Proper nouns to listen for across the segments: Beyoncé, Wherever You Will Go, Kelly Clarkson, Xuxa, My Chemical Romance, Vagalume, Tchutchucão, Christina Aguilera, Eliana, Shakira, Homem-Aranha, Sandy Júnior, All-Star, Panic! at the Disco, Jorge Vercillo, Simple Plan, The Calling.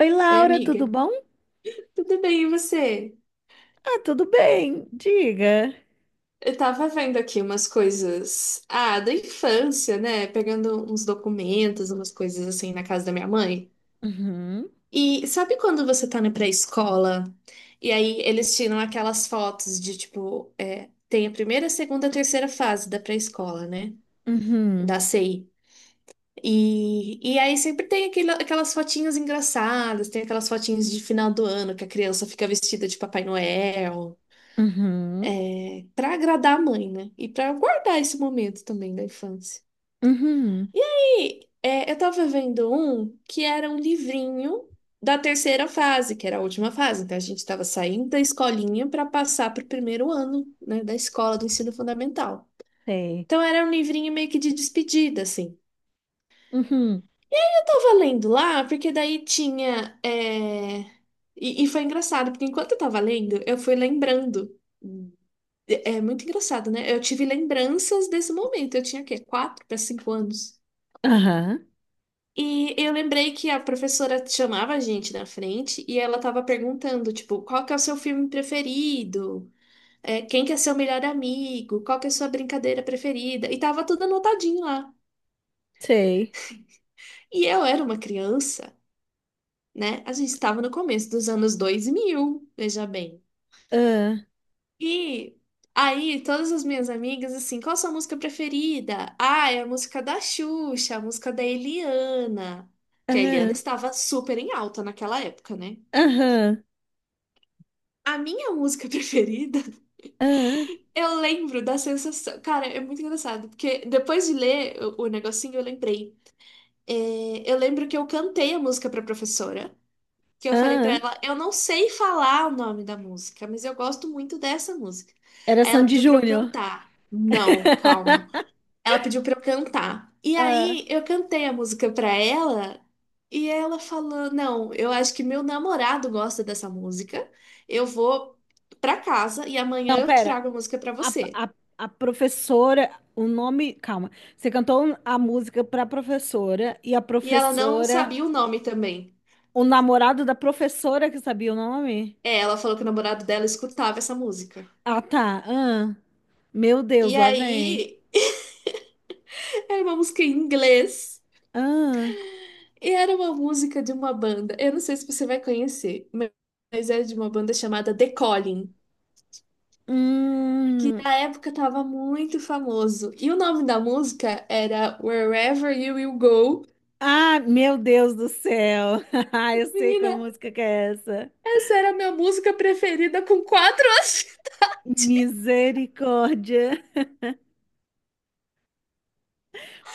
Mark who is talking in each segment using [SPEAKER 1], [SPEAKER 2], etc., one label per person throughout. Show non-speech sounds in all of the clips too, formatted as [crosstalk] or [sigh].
[SPEAKER 1] Oi,
[SPEAKER 2] Oi,
[SPEAKER 1] Laura,
[SPEAKER 2] amiga.
[SPEAKER 1] tudo bom?
[SPEAKER 2] Tudo bem, e você?
[SPEAKER 1] Ah, tudo bem, diga.
[SPEAKER 2] Eu tava vendo aqui umas coisas, ah, da infância, né? Pegando uns documentos, umas coisas assim na casa da minha mãe.
[SPEAKER 1] Uhum,
[SPEAKER 2] E sabe quando você tá na pré-escola e aí eles tiram aquelas fotos de tipo, tem a primeira, a segunda, a terceira fase da pré-escola, né?
[SPEAKER 1] uhum,
[SPEAKER 2] Da CI. E aí sempre tem aquelas fotinhas engraçadas, tem aquelas fotinhas de final do ano que a criança fica vestida de Papai Noel.
[SPEAKER 1] uhum,
[SPEAKER 2] para agradar a mãe, né? E para guardar esse momento também da infância.
[SPEAKER 1] uhum,
[SPEAKER 2] Eu tava vendo um que era um livrinho da terceira fase, que era a última fase. Então a gente estava saindo da escolinha para passar para o primeiro ano, né, da escola do ensino fundamental.
[SPEAKER 1] sei.
[SPEAKER 2] Então era um livrinho meio que de despedida, assim.
[SPEAKER 1] Uhum,
[SPEAKER 2] Eu tava lendo lá, porque daí tinha. E foi engraçado, porque enquanto eu tava lendo, eu fui lembrando. É muito engraçado, né? Eu tive lembranças desse momento. Eu tinha o quê? 4 para 5 anos.
[SPEAKER 1] aham,
[SPEAKER 2] E eu lembrei que a professora chamava a gente na frente e ela tava perguntando, tipo, qual que é o seu filme preferido? Quem que é seu melhor amigo? Qual que é a sua brincadeira preferida? E tava tudo anotadinho lá.
[SPEAKER 1] sei.
[SPEAKER 2] E eu era uma criança, né? A gente estava no começo dos anos 2000, veja bem.
[SPEAKER 1] Ah,
[SPEAKER 2] E aí, todas as minhas amigas, assim, qual a sua música preferida? Ah, é a música da Xuxa, a música da Eliana. Que a Eliana
[SPEAKER 1] ah,
[SPEAKER 2] estava super em alta naquela época, né?
[SPEAKER 1] aham,
[SPEAKER 2] A minha música [laughs] preferida,
[SPEAKER 1] ah,
[SPEAKER 2] eu lembro da sensação. Cara, é muito engraçado, porque depois de ler o negocinho, eu lembrei. Eu lembro que eu cantei a música pra professora, que eu falei pra
[SPEAKER 1] ah.
[SPEAKER 2] ela, eu não sei falar o nome da música, mas eu gosto muito dessa música.
[SPEAKER 1] Era
[SPEAKER 2] Aí ela
[SPEAKER 1] Sandy
[SPEAKER 2] pediu pra eu
[SPEAKER 1] Júnior.
[SPEAKER 2] cantar. Não, calma.
[SPEAKER 1] [laughs]
[SPEAKER 2] Ela pediu pra eu cantar. E
[SPEAKER 1] Ah,
[SPEAKER 2] aí eu cantei a música pra ela e ela falou: "Não, eu acho que meu namorado gosta dessa música. Eu vou pra casa e amanhã
[SPEAKER 1] não,
[SPEAKER 2] eu
[SPEAKER 1] pera.
[SPEAKER 2] trago a música pra
[SPEAKER 1] A,
[SPEAKER 2] você".
[SPEAKER 1] a, a professora, o nome. Calma. Você cantou a música pra professora e a
[SPEAKER 2] E ela não
[SPEAKER 1] professora.
[SPEAKER 2] sabia o nome também.
[SPEAKER 1] O namorado da professora que sabia o nome?
[SPEAKER 2] Ela falou que o namorado dela escutava essa música.
[SPEAKER 1] Ah, tá. Ah, meu Deus,
[SPEAKER 2] E
[SPEAKER 1] lá vem.
[SPEAKER 2] aí [laughs] era uma música em inglês
[SPEAKER 1] Ah,
[SPEAKER 2] e era uma música de uma banda. Eu não sei se você vai conhecer, mas é de uma banda chamada The Calling, que
[SPEAKER 1] hum.
[SPEAKER 2] na época tava muito famoso. E o nome da música era Wherever You Will Go.
[SPEAKER 1] Ah, meu Deus do céu. [laughs] Ah, eu sei qual
[SPEAKER 2] Menina,
[SPEAKER 1] música que é essa.
[SPEAKER 2] essa era a minha música preferida com 4 anos. [laughs]
[SPEAKER 1] Misericórdia.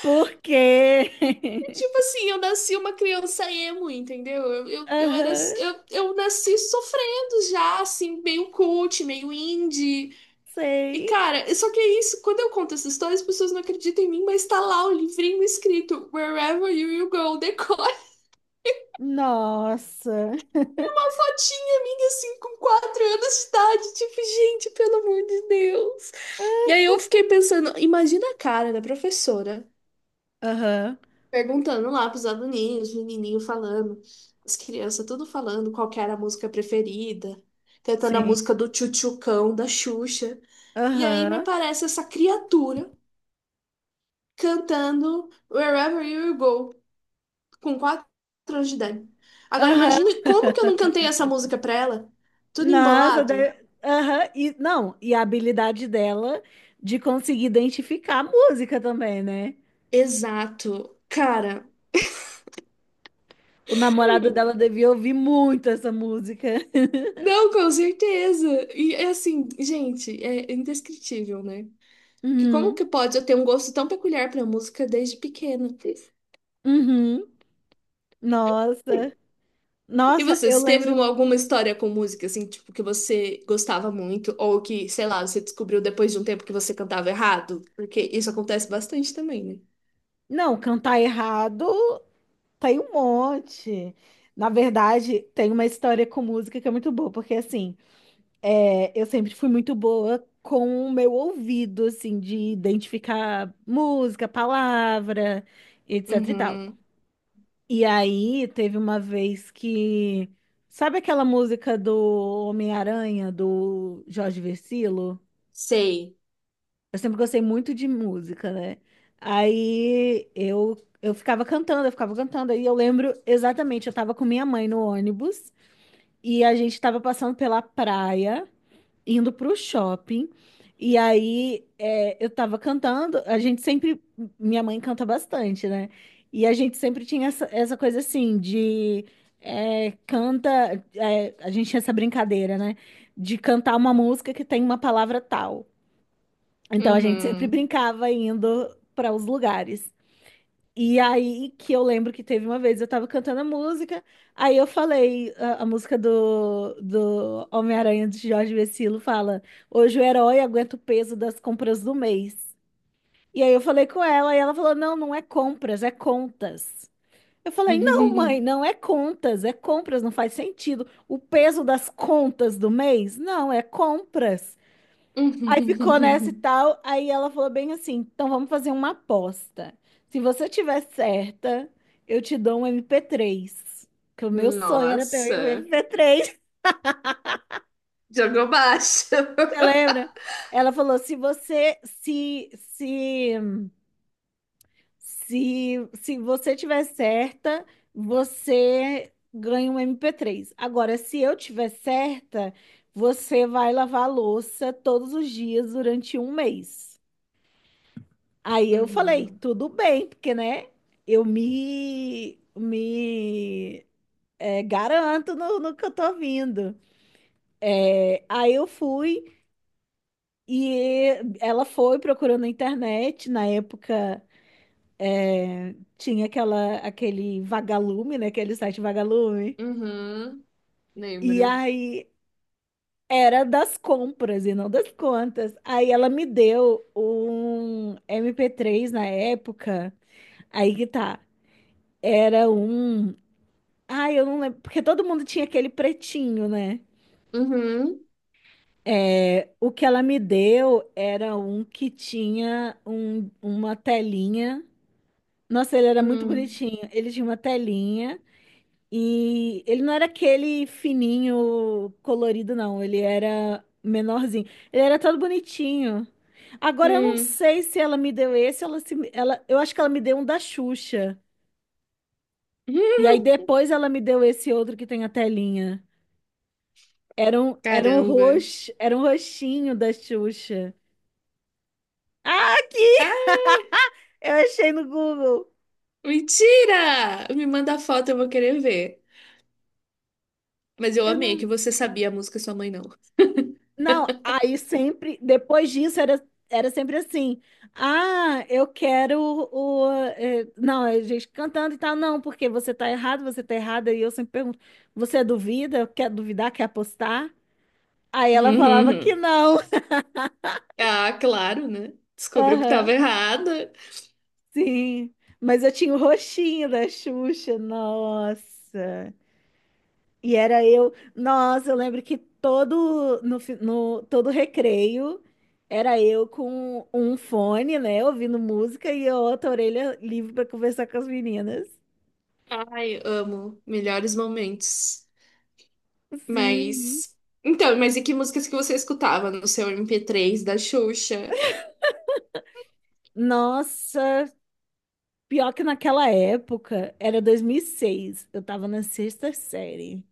[SPEAKER 1] Por quê?
[SPEAKER 2] Tipo assim, eu nasci uma criança emo, entendeu? Eu,
[SPEAKER 1] [laughs]
[SPEAKER 2] eu, eu era,
[SPEAKER 1] Aham,
[SPEAKER 2] eu nasci sofrendo já, assim, meio cult, meio indie. E
[SPEAKER 1] sei.
[SPEAKER 2] cara, só que é isso, quando eu conto essa história, as pessoas não acreditam em mim, mas tá lá o livrinho escrito Wherever You Will Go, decora.
[SPEAKER 1] Nossa.
[SPEAKER 2] Uma fotinha minha, assim, com 4 anos de idade. Tipo, gente, pelo amor de Deus. E aí eu fiquei pensando, imagina a cara da professora
[SPEAKER 1] Aham,
[SPEAKER 2] perguntando lá pros aluninhos, os menininhos falando, as crianças tudo falando qual que era a música preferida, cantando a
[SPEAKER 1] sim.
[SPEAKER 2] música do Tchutchucão, da Xuxa. E aí me
[SPEAKER 1] Aham,
[SPEAKER 2] aparece essa criatura cantando Wherever You Go, com 4 anos de idade. Agora
[SPEAKER 1] aham.
[SPEAKER 2] imagine como que eu não cantei essa
[SPEAKER 1] [laughs]
[SPEAKER 2] música pra ela, tudo
[SPEAKER 1] Nossa,
[SPEAKER 2] embolado.
[SPEAKER 1] aham, E, não, e a habilidade dela de conseguir identificar a música também, né?
[SPEAKER 2] Exato. Cara,
[SPEAKER 1] O namorado dela devia ouvir muito essa música. [laughs]
[SPEAKER 2] não, com certeza. E é assim, gente, é indescritível, né? Que como
[SPEAKER 1] Uhum.
[SPEAKER 2] que pode eu ter um gosto tão peculiar pra música desde pequena?
[SPEAKER 1] Uhum. Nossa.
[SPEAKER 2] E
[SPEAKER 1] Nossa,
[SPEAKER 2] você,
[SPEAKER 1] eu
[SPEAKER 2] se teve
[SPEAKER 1] lembro.
[SPEAKER 2] alguma história com música, assim, tipo, que você gostava muito, ou que, sei lá, você descobriu depois de um tempo que você cantava errado? Porque isso acontece bastante também, né?
[SPEAKER 1] Não, cantar errado tem um monte. Na verdade, tem uma história com música que é muito boa, porque assim, eu sempre fui muito boa com o meu ouvido, assim, de identificar música, palavra, etc e tal.
[SPEAKER 2] Uhum.
[SPEAKER 1] E aí teve uma vez que. Sabe aquela música do Homem-Aranha, do Jorge Vercillo?
[SPEAKER 2] Sei.
[SPEAKER 1] Eu sempre gostei muito de música, né? Aí eu ficava cantando. Aí eu lembro exatamente, eu tava com minha mãe no ônibus e a gente tava passando pela praia indo pro shopping. E aí eu tava cantando, a gente sempre, minha mãe canta bastante, né? E a gente sempre tinha essa coisa assim de canta, a gente tinha essa brincadeira, né? De cantar uma música que tem uma palavra tal. Então a gente sempre
[SPEAKER 2] Uhum.
[SPEAKER 1] brincava indo para os lugares. E aí que eu lembro que teve uma vez, eu tava cantando a música, aí eu falei a música do Homem-Aranha de Jorge Vecilo, fala: hoje o herói aguenta o peso das compras do mês. E aí eu falei com ela, e ela falou: não, não é compras, é contas. Eu falei: não, mãe,
[SPEAKER 2] [laughs]
[SPEAKER 1] não é contas, é compras, não faz sentido. O peso das contas do mês? Não, é compras. Aí ficou nessa e tal. Aí ela falou bem assim: então vamos fazer uma aposta. Se você tiver certa, eu te dou um mp três. Que o meu sonho era ter um
[SPEAKER 2] Nossa.
[SPEAKER 1] mp três. [laughs]
[SPEAKER 2] Jogou baixo. [laughs]
[SPEAKER 1] Você lembra? Ela falou: se você, se você tiver certa, você ganha um mp três. Agora, se eu tiver certa, você vai lavar a louça todos os dias durante um mês. Aí eu falei,
[SPEAKER 2] Uhum.
[SPEAKER 1] tudo bem, porque, né, eu me garanto no que eu tô vindo. Aí eu fui e ela foi procurando na internet. Na época tinha aquele Vagalume, né, aquele site Vagalume.
[SPEAKER 2] Uhum,
[SPEAKER 1] E
[SPEAKER 2] lembro.
[SPEAKER 1] aí era das compras e não das contas. Aí ela me deu um mp três na época. Aí que tá, era um. Ai, eu não lembro, porque todo mundo tinha aquele pretinho, né?
[SPEAKER 2] Uhum,
[SPEAKER 1] O que ela me deu era um que tinha uma telinha. Nossa, ele era muito
[SPEAKER 2] hum,
[SPEAKER 1] bonitinho. Ele tinha uma telinha e ele não era aquele fininho colorido, não. Ele era menorzinho. Ele era todo bonitinho. Agora eu não
[SPEAKER 2] hum,
[SPEAKER 1] sei se ela me deu esse, ela se, ela, eu acho que ela me deu um da Xuxa.
[SPEAKER 2] [laughs]
[SPEAKER 1] E aí depois ela me deu esse outro que tem a telinha. Era um
[SPEAKER 2] Caramba.
[SPEAKER 1] roxo, era um roxinho da Xuxa. Ah, aqui!
[SPEAKER 2] Ah,
[SPEAKER 1] Eu achei no Google.
[SPEAKER 2] mentira! Me manda a foto, eu vou querer ver. Mas eu
[SPEAKER 1] Eu
[SPEAKER 2] amei
[SPEAKER 1] não.
[SPEAKER 2] que você sabia a música e sua mãe não. [laughs]
[SPEAKER 1] Não, aí sempre, depois disso, era sempre assim. Ah, eu quero não, a gente cantando e tal. Não, porque você tá errado, você tá errada. E eu sempre pergunto: você duvida? Quer duvidar? Quer apostar? Aí ela falava que não.
[SPEAKER 2] Ah, claro, né?
[SPEAKER 1] [laughs]
[SPEAKER 2] Descobriu que
[SPEAKER 1] Aham,
[SPEAKER 2] tava errada.
[SPEAKER 1] sim. Mas eu tinha o roxinho da Xuxa. Nossa. E era eu, nossa, eu lembro que todo no, fi- no- todo recreio era eu com um fone, né, ouvindo música e a outra orelha livre para conversar com as meninas.
[SPEAKER 2] Ai, amo. Melhores momentos.
[SPEAKER 1] Sim.
[SPEAKER 2] Mas. Então, mas e que músicas que você escutava no seu MP3 da Xuxa?
[SPEAKER 1] Nossa, pior que naquela época, era 2006, eu tava na sexta série.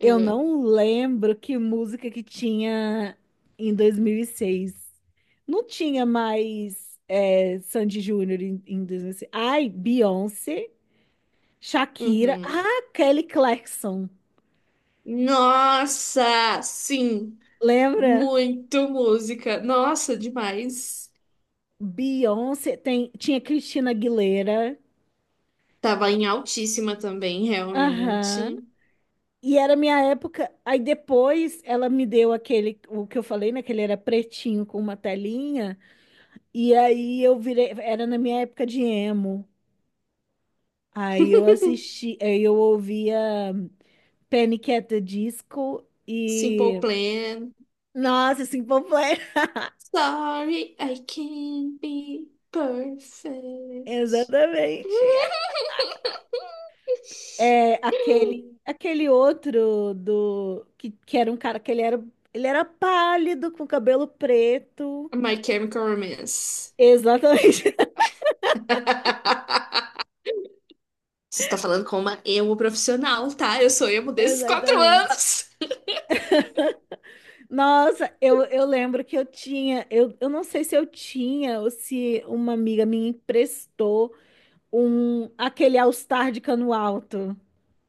[SPEAKER 1] Eu
[SPEAKER 2] Ah,
[SPEAKER 1] não lembro que música que tinha em 2006. Não tinha mais Sandy Júnior em 2006. Ai, Beyoncé. Shakira.
[SPEAKER 2] uhum.
[SPEAKER 1] Ah, Kelly Clarkson.
[SPEAKER 2] Nossa, sim.
[SPEAKER 1] Lembra?
[SPEAKER 2] Muito música. Nossa, demais.
[SPEAKER 1] Beyoncé. Tinha Christina Aguilera.
[SPEAKER 2] Tava em altíssima também,
[SPEAKER 1] Aham.
[SPEAKER 2] realmente.
[SPEAKER 1] E era minha época. Aí depois ela me deu aquele, o que eu falei, né? Que ele era pretinho com uma telinha. E aí eu virei. Era na minha época de emo. Aí eu ouvia Panic! At the Disco e.
[SPEAKER 2] Simple Plan.
[SPEAKER 1] Nossa, Simple Plan.
[SPEAKER 2] Sorry, I can't be
[SPEAKER 1] [laughs]
[SPEAKER 2] perfect.
[SPEAKER 1] Exatamente. É,
[SPEAKER 2] [laughs]
[SPEAKER 1] aquele outro do que era um cara que ele era pálido, com cabelo preto.
[SPEAKER 2] My Chemical Romance.
[SPEAKER 1] Exatamente,
[SPEAKER 2] [laughs] Você está falando com uma emo profissional, tá? Eu sou emo
[SPEAKER 1] [laughs]
[SPEAKER 2] desses quatro
[SPEAKER 1] exatamente.
[SPEAKER 2] anos.
[SPEAKER 1] Nossa, eu lembro que eu tinha, eu não sei se eu tinha ou se uma amiga minha emprestou um aquele All-Star de cano alto.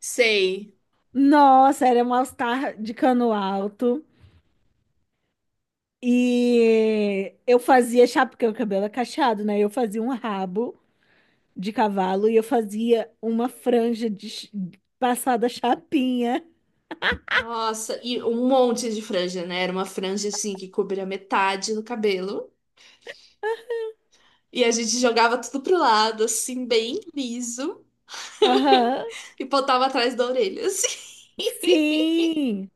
[SPEAKER 2] Sei.
[SPEAKER 1] Nossa, era um All-Star de cano alto. E eu fazia chapéu, porque o cabelo é cacheado, né? Eu fazia um rabo de cavalo e eu fazia uma franja de passada chapinha.
[SPEAKER 2] Nossa, e um monte de franja, né? Era uma franja assim que cobria metade do cabelo. E a gente jogava tudo pro lado, assim, bem liso, [laughs]
[SPEAKER 1] Aham,
[SPEAKER 2] e botava atrás da orelha, assim. [laughs]
[SPEAKER 1] sim.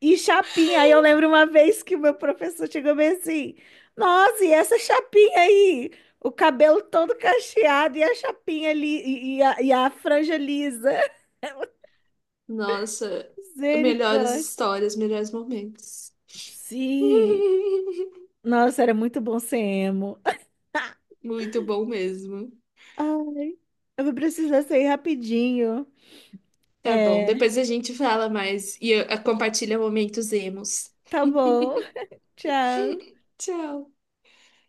[SPEAKER 1] E chapinha, aí eu lembro uma vez que o meu professor chegou bem assim, nossa, e essa chapinha aí? O cabelo todo cacheado e a chapinha ali, e a franja lisa. [laughs]
[SPEAKER 2] Nossa, melhores
[SPEAKER 1] Misericórdia.
[SPEAKER 2] histórias, melhores momentos.
[SPEAKER 1] Sim.
[SPEAKER 2] [laughs]
[SPEAKER 1] Nossa, era muito bom ser emo. [laughs]
[SPEAKER 2] Muito bom mesmo.
[SPEAKER 1] Ai, eu vou precisar sair rapidinho.
[SPEAKER 2] Tá bom,
[SPEAKER 1] É,
[SPEAKER 2] depois a gente fala mais e compartilha momentos emos.
[SPEAKER 1] tá bom. Tchau.
[SPEAKER 2] Tchau.